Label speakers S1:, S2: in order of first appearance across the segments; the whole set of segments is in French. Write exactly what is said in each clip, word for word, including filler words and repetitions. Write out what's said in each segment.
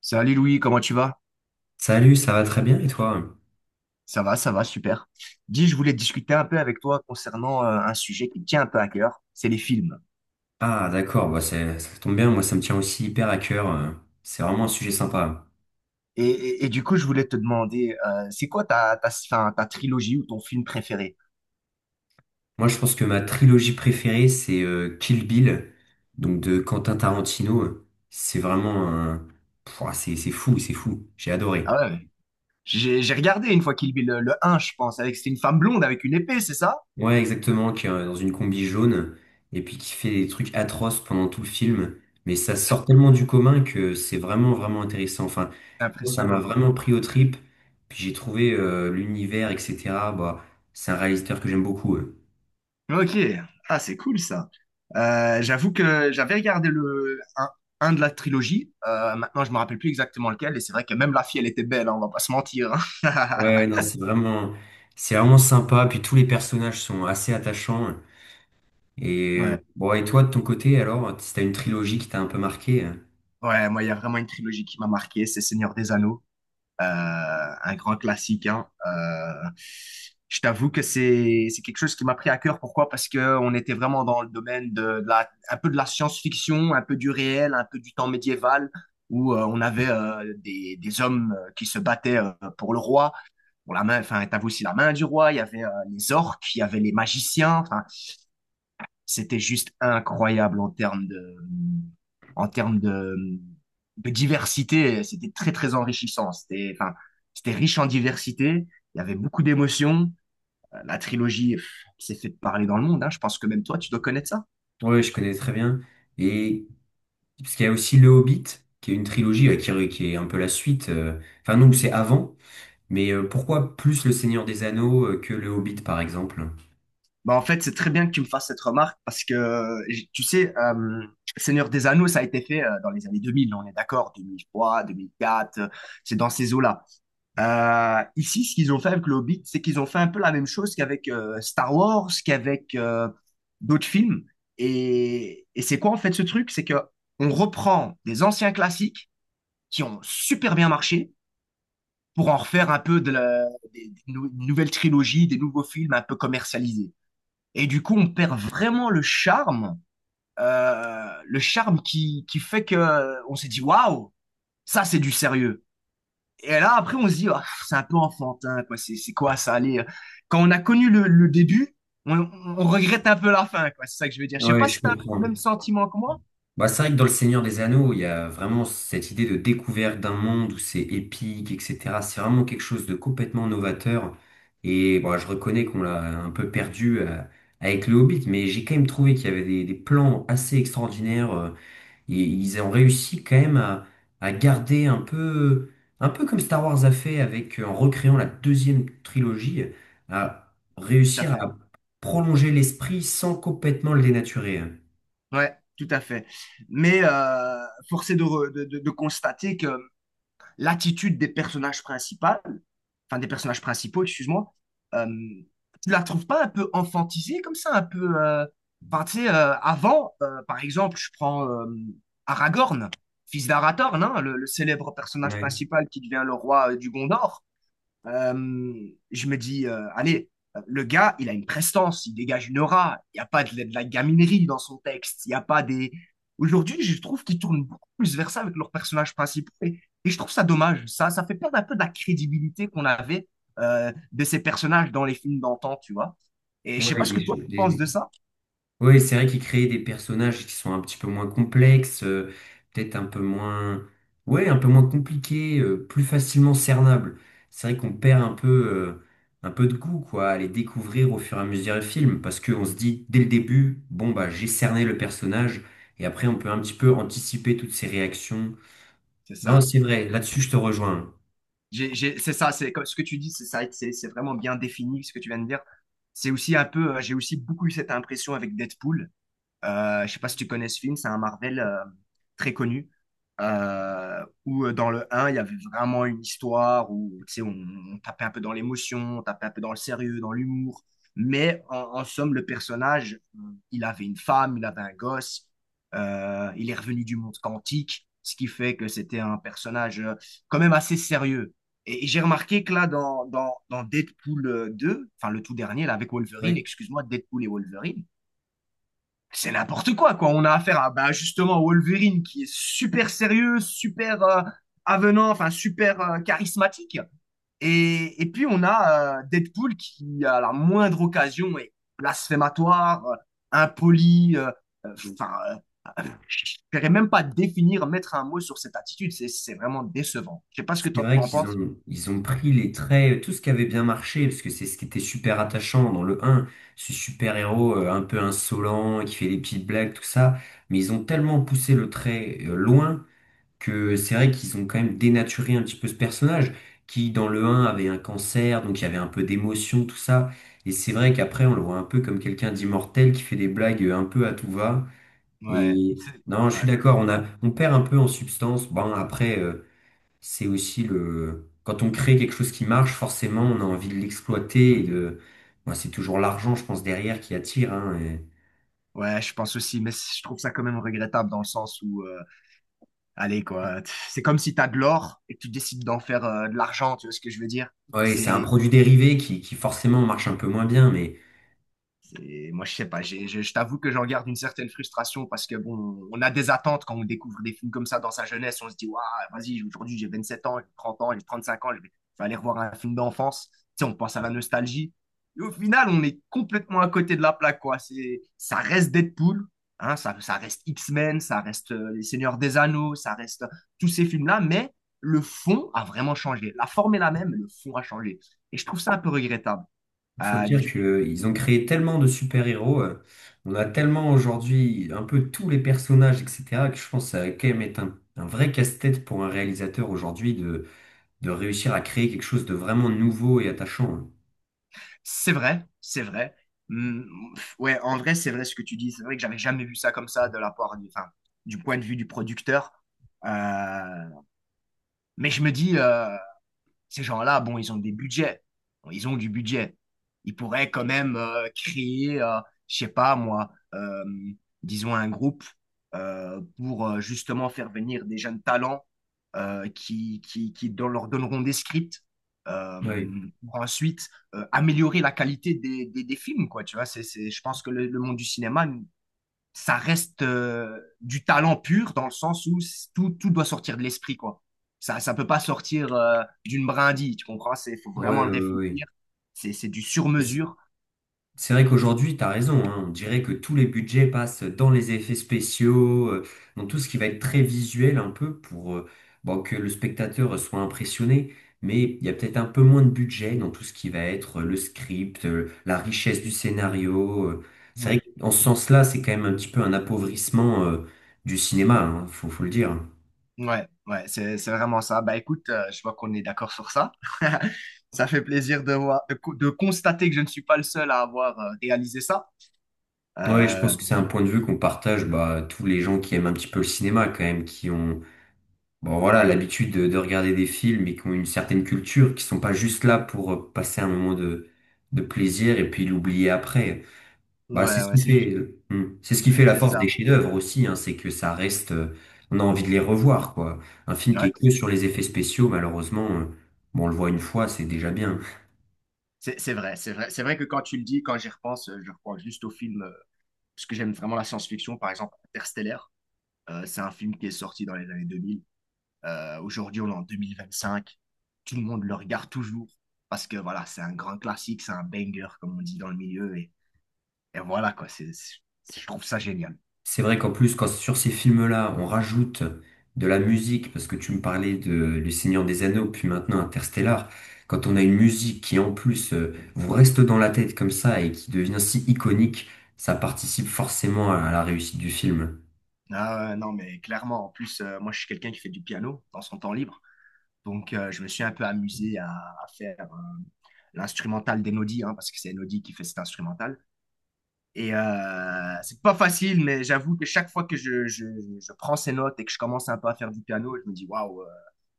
S1: Salut Louis, comment tu vas?
S2: Salut, ça va très bien et toi?
S1: Ça va, ça va, super. Dis, je voulais discuter un peu avec toi concernant euh, un sujet qui me tient un peu à cœur, c'est les films.
S2: Ah d'accord, bah c'est- ça tombe bien, moi ça me tient aussi hyper à cœur, euh, c'est vraiment un sujet sympa.
S1: Et, et- et du coup, je voulais te demander, euh, c'est quoi ta, ta, enfin, ta trilogie ou ton film préféré?
S2: Moi je pense que ma trilogie préférée c'est euh, Kill Bill, donc de Quentin Tarantino, euh. C'est vraiment un... Pouah, c'est c'est fou, c'est fou, j'ai adoré.
S1: Ah ouais, j'ai j'ai regardé une fois Kill Bill, le, le un, je pense, avec c'était une femme blonde avec une épée, c'est ça?
S2: Ouais, exactement, qui est euh, dans une combi jaune, et puis qui fait des trucs atroces pendant tout le film. Mais ça sort tellement du commun que c'est vraiment, vraiment intéressant. Enfin, moi, ça m'a
S1: Impressionnant, quoi.
S2: vraiment pris aux tripes. Puis j'ai trouvé euh, l'univers, et cetera. Bah, c'est un réalisateur que j'aime beaucoup. euh.
S1: Ok, ah, c'est cool ça. Euh, j'avoue que j'avais regardé le un, un de la trilogie. Euh, maintenant je me rappelle plus exactement lequel, et c'est vrai que même la fille, elle était belle, hein, on va pas se mentir, hein.
S2: Ouais, ouais, non, c'est vraiment, c'est vraiment sympa. Puis tous les personnages sont assez attachants. Et euh,
S1: Ouais,
S2: bon, et toi, de ton côté, alors, si t'as une trilogie qui t'a un peu marqué, euh,
S1: ouais, moi, il y a vraiment une trilogie qui m'a marqué, c'est Seigneur des Anneaux. Euh, un grand classique, hein. Euh, je t'avoue que c'est c'est quelque chose qui m'a pris à cœur. Pourquoi? Parce que on était vraiment dans le domaine de, de la un peu de la science-fiction, un peu du réel, un peu du temps médiéval, où euh, on avait euh, des, des hommes euh, qui se battaient, euh, pour le roi, pour la main. Enfin, t'avais aussi la main du roi. Il y avait euh, les orques, il y avait les magiciens. Enfin, c'était juste incroyable en termes de, en termes de, de diversité. C'était très, très enrichissant. C'était, enfin, c'était riche en diversité. Il y avait beaucoup d'émotions. Euh, La trilogie pff, s'est fait parler dans le monde, hein. Je pense que même toi, tu dois connaître ça.
S2: ouais, je connais très bien. Et parce qu'il y a aussi Le Hobbit, qui est une trilogie, euh, qui, re- qui est un peu la suite. euh, Enfin non, c'est avant. Mais euh, pourquoi plus Le Seigneur des Anneaux euh, que Le Hobbit, par exemple?
S1: Bah, en fait, c'est très bien que tu me fasses cette remarque parce que, j- tu sais, euh, Seigneur des Anneaux, ça a été fait euh, dans les années deux mille. On est d'accord, deux mille trois, deux mille quatre. euh, c'est dans ces eaux-là. Euh, ici, ce qu'ils ont fait avec le Hobbit, c'est qu'ils ont fait un peu la même chose qu'avec euh, Star Wars, qu'avec euh, d'autres films. Et, et c'est quoi en fait ce truc? C'est que on reprend des anciens classiques qui ont super bien marché pour en refaire un peu de la, des, des nou- nouvelles trilogies, des nouveaux films un peu commercialisés. Et du coup, on perd vraiment le charme, euh, le charme qui, qui fait que euh, on s'est dit waouh, ça c'est du sérieux. Et là, après, on se dit, ah, c'est un peu enfantin, quoi. C'est c'est quoi ça? Allez, euh. quand on a connu le, le début, on, on regrette un peu la fin, quoi. C'est ça que je veux dire. Je sais
S2: Ouais,
S1: pas
S2: je
S1: si tu as le même
S2: comprends.
S1: sentiment que moi.
S2: Bah, c'est vrai que dans Le Seigneur des Anneaux, il y a vraiment cette idée de découverte d'un monde où c'est épique, et cetera. C'est vraiment quelque chose de complètement novateur. Et bon, je reconnais qu'on l'a un peu perdu euh, avec Le Hobbit, mais j'ai quand même trouvé qu'il y avait des, des plans assez extraordinaires. euh, Ils ils ont réussi quand même à, à garder un peu, un peu comme Star Wars a fait avec, euh, en recréant la deuxième trilogie, à
S1: Tout à
S2: réussir
S1: fait.
S2: à prolonger l'esprit sans complètement le dénaturer.
S1: Ouais, tout à fait. Mais euh, force est de, re- de, de- de constater que l'attitude des personnages principaux, enfin des personnages principaux, excuse-moi, euh, tu la trouves pas un peu enfantisée comme ça, un peu, euh, enfin tu sais, euh, avant, euh, par exemple, je prends euh, Aragorn, fils d'Arathorn, hein, le, le célèbre personnage
S2: Ouais,
S1: principal qui devient le roi euh, du Gondor. Euh, je me dis, euh, allez, le gars, il a une prestance, il dégage une aura. Il n'y a pas de, de la gaminerie dans son texte. Il n'y a pas des. Aujourd'hui, je trouve qu'ils tournent beaucoup plus vers ça avec leurs personnages principaux. Et, et je trouve ça dommage. Ça, ça fait perdre un peu de la crédibilité qu'on avait euh, de ces personnages dans les films d'antan, tu vois. Et je sais pas
S2: Ouais,
S1: ce
S2: des,
S1: que toi
S2: cho-
S1: tu penses
S2: des-
S1: de ça.
S2: oui, c'est vrai qu'ils créent des personnages qui sont un petit peu moins complexes, euh, peut-être un peu moins, ouais, un peu moins compliqués, euh, plus facilement cernables. C'est vrai qu'on perd un peu, euh, un peu de goût, quoi, à les découvrir au fur et à mesure du film, parce qu'on se dit dès le début, bon bah j'ai cerné le personnage, et après on peut un petit peu anticiper toutes ses réactions.
S1: C'est
S2: Non,
S1: ça.
S2: c'est vrai, là-dessus je te rejoins.
S1: J'ai- j'ai- C'est ça. C'est comme ce que tu dis. C'est ça. C'est c'est vraiment bien défini ce que tu viens de dire. C'est aussi un peu. euh, J'ai aussi beaucoup eu cette impression avec Deadpool. Euh, je sais pas si tu connais ce film, c'est un Marvel euh, très connu. euh, où euh, dans le un il y avait vraiment une histoire où tu sais, on, on tapait un peu dans l'émotion, on tapait un peu dans le sérieux, dans l'humour. Mais en, en somme, le personnage, euh, il avait une femme, il avait un gosse, euh, il est revenu du monde quantique, ce qui fait que c'était un personnage euh, quand même assez sérieux. Et, et j'ai remarqué que là, dans, dans, dans Deadpool deux, enfin le tout dernier, là, avec Wolverine,
S2: Oui.
S1: excuse-moi, Deadpool et Wolverine, c'est n'importe quoi, quoi. On a affaire à bah, justement Wolverine qui est super sérieux, super euh, avenant, enfin super euh, charismatique. Et, et puis on a euh, Deadpool qui, à la moindre occasion, est blasphématoire, euh, impoli. euh, euh, Enfin, euh, je ne saurais même pas définir, mettre un mot sur cette attitude. C'est c'est vraiment décevant. Je sais pas ce que
S2: C'est
S1: toi
S2: vrai
S1: t'en
S2: qu'ils
S1: penses.
S2: ont, ils ont pris les traits, tout ce qui avait bien marché, parce que c'est ce qui était super attachant dans le un, ce super-héros euh, un peu insolent, qui fait des petites blagues, tout ça, mais ils ont tellement poussé le trait euh, loin que c'est vrai qu'ils ont quand même dénaturé un petit peu ce personnage, qui dans le un avait un cancer, donc il y avait un peu d'émotion, tout ça, et c'est vrai qu'après on le voit un peu comme quelqu'un d'immortel qui fait des blagues euh, un peu à tout va,
S1: Ouais,
S2: et non, je suis
S1: ouais,
S2: d'accord, on a, on perd un peu en substance, bon après... euh, c'est aussi le... Quand on crée quelque chose qui marche, forcément, on a envie de l'exploiter et de... Moi, c'est toujours l'argent, je pense, derrière qui attire. Hein, et-
S1: ouais, je pense aussi, mais je trouve ça quand même regrettable dans le sens où euh, allez, quoi. C'est comme si tu as de l'or et que tu décides d'en faire euh, de l'argent, tu vois ce que je veux dire?
S2: Ouais, c'est un
S1: C'est
S2: produit dérivé qui, qui forcément marche un peu moins bien, mais
S1: Et moi, je sais pas, j'ai- je, je t'avoue que j'en garde une certaine frustration parce que, bon, on a des attentes quand on découvre des films comme ça dans sa jeunesse. On se dit, waouh, vas-y, aujourd'hui, j'ai 27 ans, j'ai 30 ans, j'ai 35 ans, je vais, je vais aller revoir un film d'enfance. Tu sais, on pense à la nostalgie. Et au final, on est complètement à côté de la plaque, quoi. C'est, ça reste Deadpool, hein, ça, ça reste X-Men, ça reste euh, Les Seigneurs des Anneaux, ça reste euh, tous ces films-là, mais le fond a vraiment changé. La forme est la même, mais le fond a changé. Et je trouve ça un peu regrettable.
S2: faut
S1: Euh,
S2: dire
S1: du
S2: que euh, ils ont créé tellement de super-héros. Euh, on a tellement aujourd'hui un peu tous les personnages, et cetera, que je pense que ça va quand même être un, un vrai casse-tête pour un réalisateur aujourd'hui de, de réussir à créer quelque chose de vraiment nouveau et attachant, hein.
S1: C'est vrai, c'est vrai. Hmm, ouais, en vrai, c'est vrai ce que tu dis. C'est vrai que j'avais jamais vu ça comme ça de la part du, enfin, du point de vue du producteur. Euh, mais je me dis, euh, ces gens-là, bon, ils ont des budgets. Bon, ils ont du budget. Ils pourraient quand même euh, créer, euh, je sais pas moi, euh, disons un groupe euh, pour euh, justement faire venir des jeunes talents euh, qui, qui, qui don- leur donneront des scripts euh,
S2: Oui,
S1: pour ensuite euh, améliorer la qualité des, des, des films, quoi. Tu vois, c'est, c'est, je pense que le, le monde du cinéma ça reste euh, du talent pur dans le sens où c- tout, tout doit sortir de l'esprit, quoi. Ça, ça peut pas sortir euh, d'une brindille, tu comprends? C'est, faut
S2: ouais,
S1: vraiment
S2: ouais,
S1: le
S2: ouais.
S1: réfléchir. C'est, c'est du
S2: Ouais.
S1: sur-mesure.
S2: C'est vrai qu'aujourd'hui, tu as raison, hein. On dirait que tous les budgets passent dans les effets spéciaux, euh, dans tout ce qui va être très visuel un peu pour euh, bon, que le spectateur soit impressionné, mais il y a peut-être un peu moins de budget dans tout ce qui va être euh, le script, euh, la richesse du scénario. euh. C'est
S1: Mm.
S2: vrai qu'en ce sens-là, c'est quand même un petit peu un appauvrissement euh, du cinéma, hein, faut, faut le dire.
S1: Ouais, ouais, c'est, c'est vraiment ça. Bah écoute, euh, je vois qu'on est d'accord sur ça. Ça fait plaisir de voir, de, co- de constater que je ne suis pas le seul à avoir euh, réalisé ça.
S2: Ouais, je
S1: Euh,
S2: pense que c'est un point de vue qu'on partage bah, tous les gens qui aiment un petit peu le cinéma quand même, qui ont bon voilà, l'habitude de, de regarder des films et qui ont une certaine culture, qui sont pas juste là pour euh, passer un moment de, de plaisir et puis l'oublier après. Bah c'est
S1: ouais,
S2: ce
S1: ouais,
S2: qui
S1: c'est
S2: fait,
S1: juste,
S2: euh, hmm, c'est ce qui fait la
S1: c'est
S2: force
S1: ça.
S2: des chefs-d'œuvre aussi, hein, c'est que ça reste, euh, on a envie de les revoir, quoi. Un film qui
S1: Ouais,
S2: est que sur les effets spéciaux, malheureusement, euh, bon on le voit une fois, c'est déjà bien.
S1: c'est c'est vrai, c'est vrai. C'est vrai que quand tu le dis, quand j'y repense, euh, je repense juste au film parce que j'aime vraiment la science-fiction, par exemple Interstellar. Euh, c'est un film qui est sorti dans les années deux mille. Euh, aujourd'hui, on est en deux mille vingt-cinq. Tout le monde le regarde toujours parce que voilà, c'est un grand classique, c'est un banger, comme on dit dans le milieu. Et, et voilà, quoi, c'est, c'est- je trouve ça génial.
S2: C'est vrai qu'en plus, quand sur ces films-là, on rajoute de la musique, parce que tu me parlais de Le Seigneur des Anneaux, puis maintenant Interstellar, quand on a une musique qui en plus euh, vous reste dans la tête comme ça et qui devient si iconique, ça participe forcément à la réussite du film.
S1: Ah, ouais, non, mais clairement, en plus, euh, moi, je suis quelqu'un qui fait du piano dans son temps libre. Donc, euh, je me suis un peu amusé à, à faire euh, l'instrumental d'Enodi, hein, parce que c'est Enodi qui fait cet instrumental. Et euh, c'est pas facile, mais j'avoue que chaque fois que je, je, je prends ces notes et que je commence un peu à faire du piano, je me dis waouh, euh,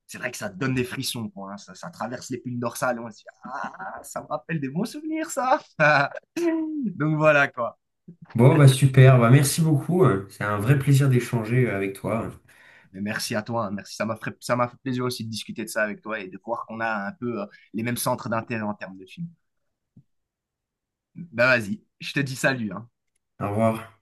S1: c'est vrai que ça donne des frissons, quoi, hein. ça, ça traverse les piles dorsales. On se dit ah, ça me rappelle des bons souvenirs, ça. Donc voilà quoi.
S2: Bon, bah super, bah merci beaucoup, hein, c'est un vrai plaisir d'échanger avec toi.
S1: Mais merci à toi, hein, merci. Ça m'a fait, ça m'a fait plaisir aussi de discuter de ça avec toi et de voir qu'on a un peu euh, les mêmes centres d'intérêt en termes de films. Ben vas-y, je te dis salut, hein.
S2: Au revoir.